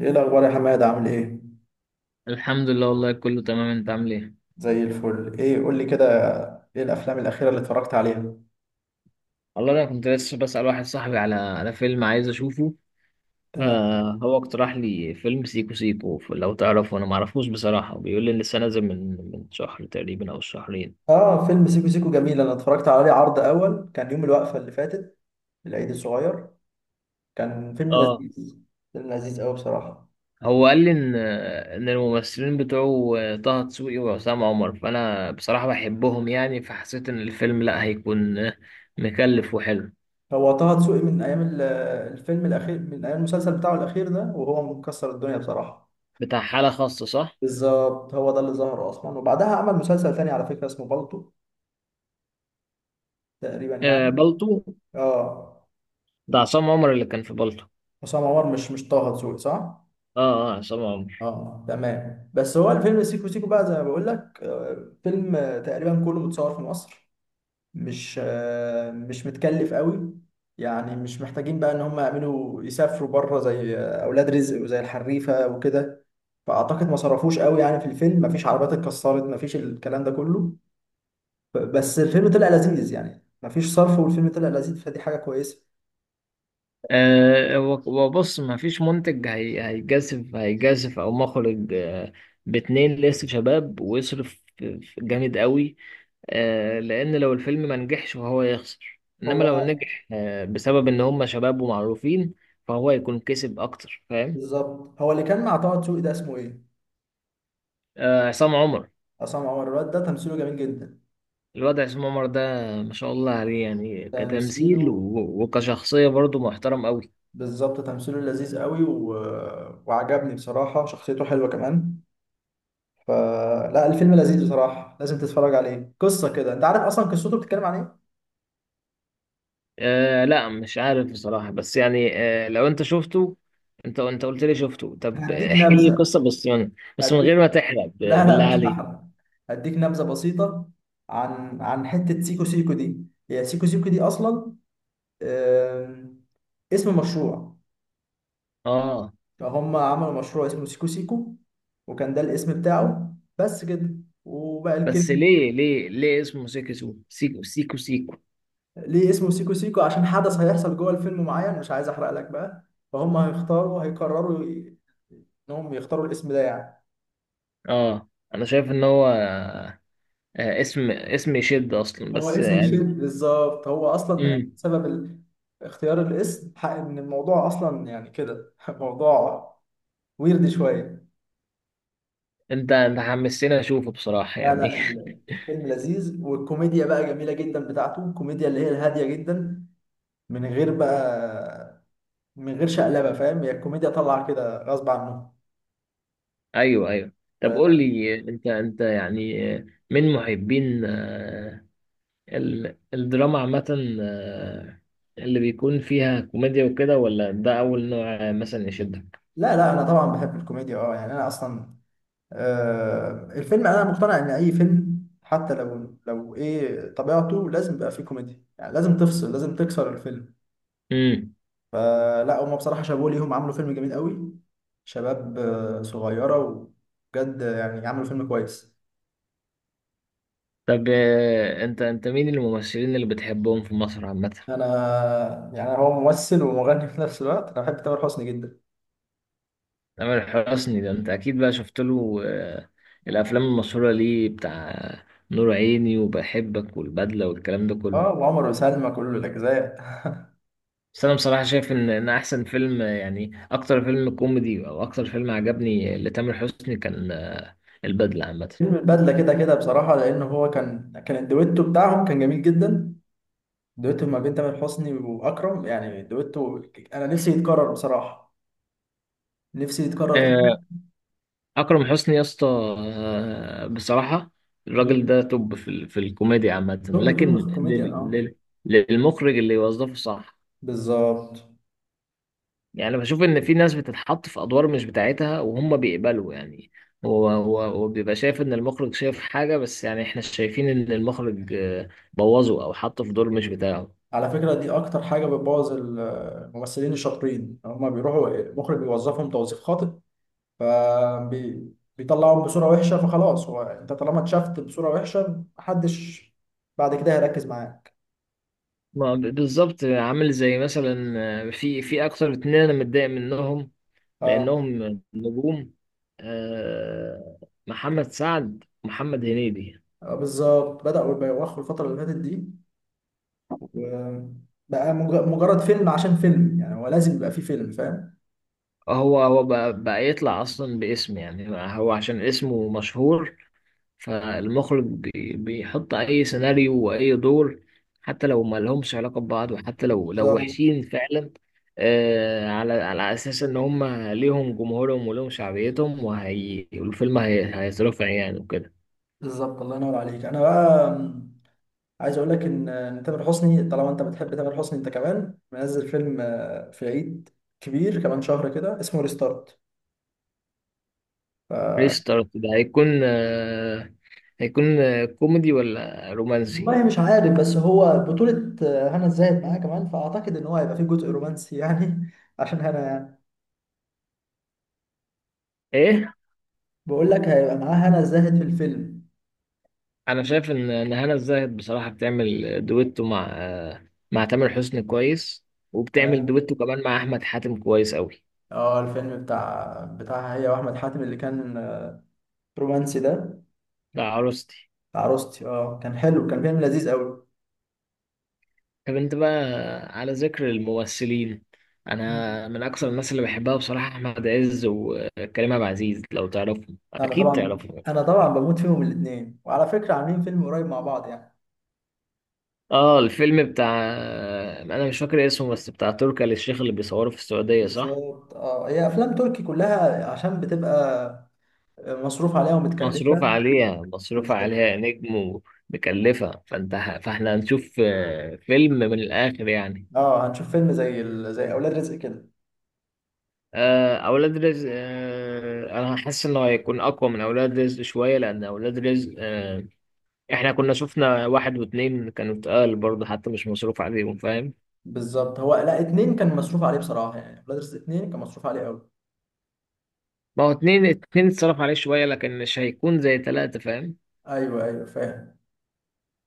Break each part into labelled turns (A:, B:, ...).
A: ايه الاخبار يا حماد؟ عامل ايه؟
B: الحمد لله، والله كله تمام. انت عامل ايه؟
A: زي الفل. ايه قول لي كده، ايه الافلام الاخيره اللي اتفرجت عليها؟
B: والله انا كنت لسه بسأل واحد صاحبي على فيلم عايز اشوفه.
A: تمام.
B: فهو اقترح لي فيلم سيكو سيكو. لو تعرفه، انا معرفوش بصراحة. بيقول لي لسه نازل من شهر تقريبا او شهرين.
A: اه فيلم سيكو سيكو جميل، انا اتفرجت عليه عرض اول، كان يوم الوقفه اللي فاتت، العيد الصغير. كان فيلم
B: اه،
A: لذيذ، فيلم لذيذ قوي بصراحه.
B: هو قال لي ان الممثلين بتوعه طه دسوقي وعصام عمر. فانا بصراحة بحبهم يعني، فحسيت ان الفيلم لا هيكون مكلف وحلو.
A: هو طه دسوقي من ايام الفيلم الاخير، من ايام المسلسل بتاعه الاخير ده، وهو مكسر الدنيا بصراحه.
B: بتاع حالة خاصة، صح؟
A: بالظبط، هو ده اللي ظهر اصلا، وبعدها عمل مسلسل تاني على فكره اسمه بالطو، تقريبا يعني.
B: آه، بالطو.
A: اه
B: ده عصام عمر اللي كان في بالطو.
A: عصام عمر، مش طه دسوقي صح؟
B: اه، عصام عمر.
A: اه تمام. بس هو الفيلم سيكو سيكو بقى زي ما بقول لك، فيلم، تقريبا كله متصور في مصر، مش، مش متكلف قوي، يعني مش محتاجين بقى ان هم يعملوا يسافروا بره زي، اولاد رزق وزي الحريفه وكده. فاعتقد ما صرفوش قوي يعني في الفيلم، مفيش عربيات اتكسرت، مفيش الكلام ده كله. بس الفيلم طلع لذيذ يعني، مفيش صرف والفيلم طلع لذيذ، فدي حاجه كويسه.
B: أه، وبص. ما فيش منتج هي هيجازف هيجازف او مخرج باتنين لسه شباب، ويصرف جامد قوي. لان لو الفيلم ما نجحش فهو يخسر، انما
A: هو
B: لو نجح بسبب ان هم شباب ومعروفين، فهو يكون كسب اكتر، فاهم؟
A: بالظبط هو اللي كان مع طه دسوقي ده اسمه ايه؟
B: أه، عصام عمر.
A: عصام عمر، الواد ده تمثيله جميل جدا.
B: الواد عصام عمر ده ما شاء الله عليه، يعني كتمثيل
A: تمثيله
B: وكشخصية برضه محترم قوي.
A: بالظبط تمثيله لذيذ قوي وعجبني بصراحة، شخصيته حلوة كمان. فلا الفيلم لذيذ بصراحة، لازم تتفرج عليه. قصة كده انت عارف اصلا قصته بتتكلم عن ايه؟
B: آه، لا، مش عارف بصراحة، بس يعني لو انت شفته، انت قلت لي شفته، طب
A: هديك
B: احكي لي
A: نبذة.
B: قصة، بس من بس من
A: هديك،
B: غير ما تحرق،
A: لا
B: بالله
A: لا مش
B: عليك.
A: هحرق، هديك نبذة بسيطة عن حتة سيكو سيكو دي. هي سيكو سيكو دي اصلا، آم، اسم مشروع.
B: اه،
A: فهم عملوا مشروع اسمه سيكو سيكو، وكان ده الاسم بتاعه بس كده، وبقى
B: بس
A: الكلمة.
B: ليه اسمه سيكو سيكو؟
A: ليه اسمه سيكو سيكو؟ عشان حدث هيحصل جوه الفيلم معين، مش عايز احرق لك بقى. فهم هيقرروا انهم يختاروا الاسم ده يعني.
B: اه، انا شايف ان هو اسم يشد اصلا،
A: هو
B: بس
A: اسم
B: يعني
A: يشد بالظبط، هو اصلا يعني
B: امم
A: سبب اختيار الاسم حق ان الموضوع اصلا يعني كده موضوع ويرد شويه.
B: انت حمستني اشوفه بصراحة
A: لا
B: يعني.
A: لا الفيلم لذيذ، والكوميديا بقى جميله جدا بتاعته، الكوميديا اللي هي الهاديه جدا من غير بقى، من غير شقلبه فاهم، هي الكوميديا طالعه كده غصب عنه.
B: ايوه، ايوه. طب
A: ف-
B: قول لي، انت يعني من محبين الدراما عامة، اللي بيكون فيها كوميديا وكده، ولا ده أول نوع مثلا يشدك؟
A: لا انا طبعا بحب الكوميديا اه يعني، انا اصلا، الفيلم انا مقتنع ان اي فيلم حتى لو ايه طبيعته لازم يبقى فيه كوميديا، يعني لازم تفصل، لازم تكسر الفيلم.
B: امم.
A: فلا هما بصراحة شابوه ليهم، عملوا فيلم جميل قوي، شباب صغيرة وبجد يعني، عملوا فيلم كويس.
B: طب، أنت مين الممثلين اللي بتحبهم في مصر عامة؟
A: انا يعني، هو ممثل ومغني في نفس الوقت، انا بحب تامر حسني جدا.
B: تامر حسني ده أنت أكيد بقى شفت له الأفلام المشهورة ليه، بتاع نور عيني وبحبك والبدلة والكلام ده كله.
A: اه وعمر وسلمى كل الاجزاء.
B: بس أنا بصراحة شايف إن أحسن فيلم يعني أكتر فيلم كوميدي أو أكتر فيلم عجبني لتامر حسني كان البدلة عامة.
A: فيلم البدلة كده كده بصراحة، لأن هو كان الدويتو بتاعهم كان جميل جدا، دويتو ما بين تامر حسني واكرم، يعني دويتو انا نفسي يتكرر بصراحه، نفسي يتكرر تاني.
B: اكرم حسني يا اسطى، بصراحه الراجل
A: مم.
B: ده توب في في الكوميديا عامه،
A: توب
B: لكن
A: توب في الكوميديا
B: لل...
A: اه،
B: لل... للمخرج اللي يوظفه، صح؟
A: بالظبط.
B: يعني بشوف ان في ناس بتتحط في ادوار مش بتاعتها، وهم بيقبلوا يعني. هو بيبقى شايف ان المخرج شايف حاجه، بس يعني احنا شايفين ان المخرج بوظه او حطه في دور مش بتاعه.
A: على فكره دي اكتر حاجه بتبوظ الممثلين الشاطرين، هما بيروحوا المخرج بيوظفهم توظيف خاطئ، فبيطلعهم بصوره وحشه، فخلاص هو انت طالما اتشافت بصوره وحشه، محدش بعد كده هيركز معاك.
B: ما ب- بالظبط، عامل زي مثلا في اكتر اتنين انا متضايق منهم،
A: اه،
B: لأنهم نجوم. آه، محمد سعد، محمد هنيدي.
A: بالظبط بدأوا يبوخوا الفتره اللي فاتت دي، بقى مجرد فيلم عشان فيلم، يعني هو لازم يبقى فيه فيلم فاهم.
B: هو بقى يطلع أصلا باسم يعني، هو عشان اسمه مشهور، فالمخرج بيحط أي سيناريو وأي دور حتى لو ما لهمش علاقة ببعض، وحتى لو
A: بالظبط.
B: وحشين فعلا. على أساس إن هم ليهم جمهورهم وليهم شعبيتهم، وهي والفيلم هيترفع يعني وكده.
A: بالظبط، الله ينور عليك. انا بقى عايز اقول لك ان إن تامر حسني، طالما انت بتحب تامر حسني، انت كمان منزل فيلم في عيد كبير كمان شهر كده، اسمه ريستارت. ف...
B: ريستارت ده هيكون هيكون كوميدي ولا رومانسي؟
A: والله مش عارف، بس هو بطولة هنا الزاهد معاه كمان، فأعتقد إن هو هيبقى فيه جزء رومانسي يعني عشان هنا يعني،
B: ايه.
A: بقول لك هيبقى معاه هنا الزاهد في الفيلم.
B: انا شايف ان هنا الزاهد بصراحه بتعمل دويتو مع مع تامر حسني كويس، وبتعمل
A: تمام.
B: دويتو كمان مع احمد حاتم كويس قوي.
A: اه الفيلم بتاعها هي وأحمد حاتم اللي كان رومانسي ده،
B: لا، عروستي.
A: بتاع عروستي، اه كان حلو، كان فيلم لذيذ قوي.
B: طب انت بقى، على ذكر الممثلين،
A: مم.
B: انا من اكثر الناس اللي بحبها بصراحه احمد عز وكريم عبد العزيز. لو تعرفهم،
A: انا
B: اكيد
A: طبعا،
B: تعرفهم.
A: انا طبعا بموت فيهم الاثنين، وعلى فكره عاملين فيلم قريب مع بعض يعني.
B: اه، الفيلم بتاع، انا مش فاكر اسمه، بس بتاع تركي آل الشيخ اللي بيصوره في السعودية، صح؟
A: بالظبط. اه هي افلام تركي كلها، عشان بتبقى مصروف عليها ومتكلفه.
B: مصروف عليها، مصروف
A: بالظبط.
B: عليها نجم ومكلفة. فاحنا هنشوف فيلم من الاخر يعني.
A: اه هنشوف فيلم زي زي اولاد رزق كده.
B: اولاد رزق، انا حاسس انه هيكون اقوى من اولاد رزق شوية، لان اولاد رزق احنا كنا شفنا واحد واتنين كانوا اتقال برضه حتى مش مصروف عليهم، فاهم؟
A: بالظبط. هو لا، اتنين كان مصروف عليه بصراحه، يعني اولاد رزق اتنين كان مصروف عليه قوي.
B: ما هو اتنين اتصرف عليه شوية، لكن مش هيكون زي تلاتة، فاهم؟
A: ايوه ايوه فاهم.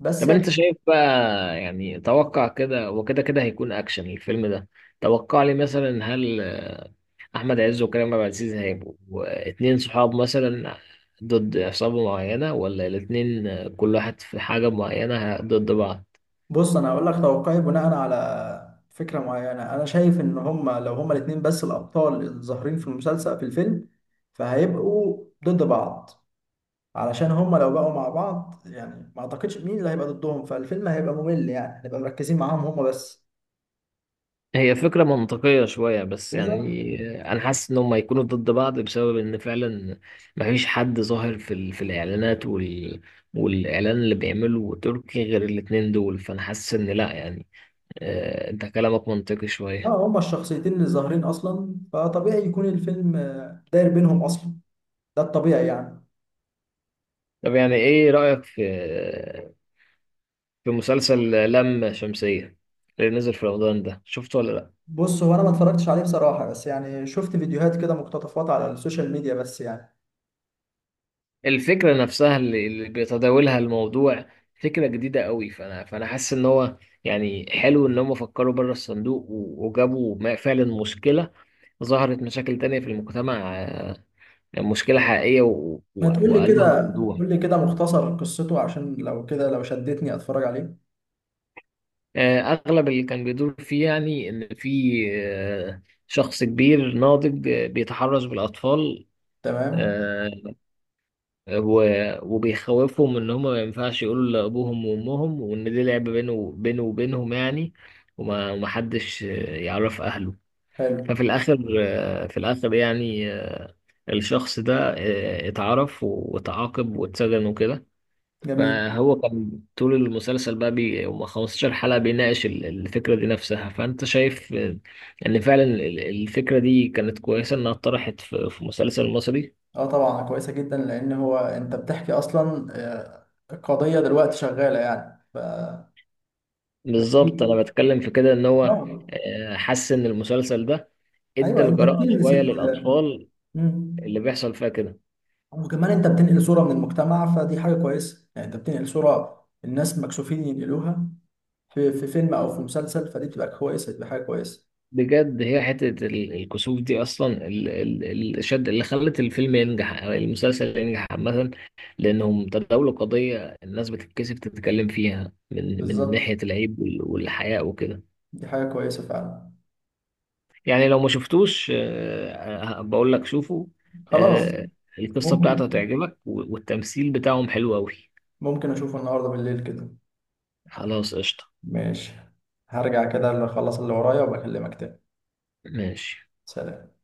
A: بس
B: طب انت شايف بقى، يعني توقع كده، وكده كده هيكون اكشن الفيلم ده. توقع لي مثلا: هل احمد عز وكريم عبد العزيز هيبقوا اتنين صحاب مثلا ضد عصابة معينة، ولا الاتنين كل واحد في حاجة معينة ضد بعض؟
A: بص انا هقول لك توقعي بناء على فكره معينه. انا شايف ان هما لو هما الاثنين بس الابطال الظاهرين في المسلسل في الفيلم، فهيبقوا ضد بعض، علشان هما لو بقوا مع بعض يعني ما اعتقدش مين اللي هيبقى ضدهم، فالفيلم هيبقى ممل، يعني هنبقى مركزين معاهم هما بس.
B: هي فكرة منطقية شوية بس
A: بالظبط.
B: يعني. انا حاسس ان هم هيكونوا ضد بعض بسبب ان فعلا مفيش حد ظاهر في في الاعلانات والاعلان اللي بيعمله تركي غير الاتنين دول، فانا حاسس ان لا يعني انت كلامك منطقي شوية.
A: اه هما الشخصيتين اللي ظاهرين اصلا، فطبيعي يكون الفيلم داير بينهم اصلا، ده الطبيعي يعني.
B: طب يعني ايه رأيك في مسلسل لام شمسية اللي نزل في رمضان ده، شفته ولا لا؟
A: بص هو انا ما اتفرجتش عليه بصراحه، بس يعني شفت فيديوهات كده مقتطفات على السوشيال ميديا بس يعني.
B: الفكرة نفسها اللي بيتداولها الموضوع فكرة جديدة قوي. فانا حاسس ان هو يعني حلو ان هم فكروا بره الصندوق وجابوا فعلا مشكلة، ظهرت مشاكل تانية في المجتمع، مشكلة حقيقية
A: ما تقول لي
B: وقالوها
A: كده،
B: بوضوح.
A: قول لي كده مختصر قصته، عشان لو كده لو شدتني اتفرج عليه.
B: أغلب اللي كان بيدور فيه يعني إن في آه، شخص كبير ناضج بيتحرش بالأطفال،
A: تمام.
B: آه، وبيخوفهم إن هما ما ينفعش يقولوا لأبوهم وأمهم، وإن دي لعبة بينه وبينهم يعني، ومحدش يعرف أهله. ففي
A: حلو.
B: الآخر آه، في الآخر يعني الشخص ده اتعرف وتعاقب واتسجن وكده.
A: جميل.
B: فهو كان طول المسلسل بقى بي هم 15 حلقة بيناقش الفكرة دي نفسها. فأنت شايف إن فعلا الفكرة دي كانت كويسة إنها اتطرحت في مسلسل مصري.
A: اه طبعا كويسه جدا، لان هو انت بتحكي اصلا، القضيه دلوقتي شغاله يعني ف
B: بالظبط، أنا بتكلم في كده إن هو
A: اه.
B: حس إن المسلسل ده ادى
A: ايوه انت
B: الجرأة
A: بتلمس
B: شوية للأطفال
A: مم.
B: اللي بيحصل فيها كده.
A: وكمان انت بتنقل صوره من المجتمع، فدي حاجه كويسه، يعني انت بتنقل صوره الناس مكسوفين ينقلوها في في فيلم او في مسلسل، فدي بتبقى كويسه، دي حاجه كويسه.
B: بجد هي حتة الكسوف دي أصلا الشد اللي خلت الفيلم ينجح أو المسلسل ينجح عامة، لأنهم تداولوا قضية الناس بتتكسف تتكلم فيها، من
A: بالظبط.
B: ناحية العيب والحياء وكده.
A: دي حاجه كويسه فعلا.
B: يعني لو ما شفتوش، بقول لك شوفوا،
A: خلاص.
B: آه، القصة
A: ممكن،
B: بتاعته هتعجبك والتمثيل بتاعهم حلو أوي.
A: ممكن اشوفه النهارده بالليل كده.
B: خلاص، قشطة،
A: ماشي. هرجع كده اللي اخلص اللي ورايا وبكلمك تاني.
B: ماشي.
A: سلام.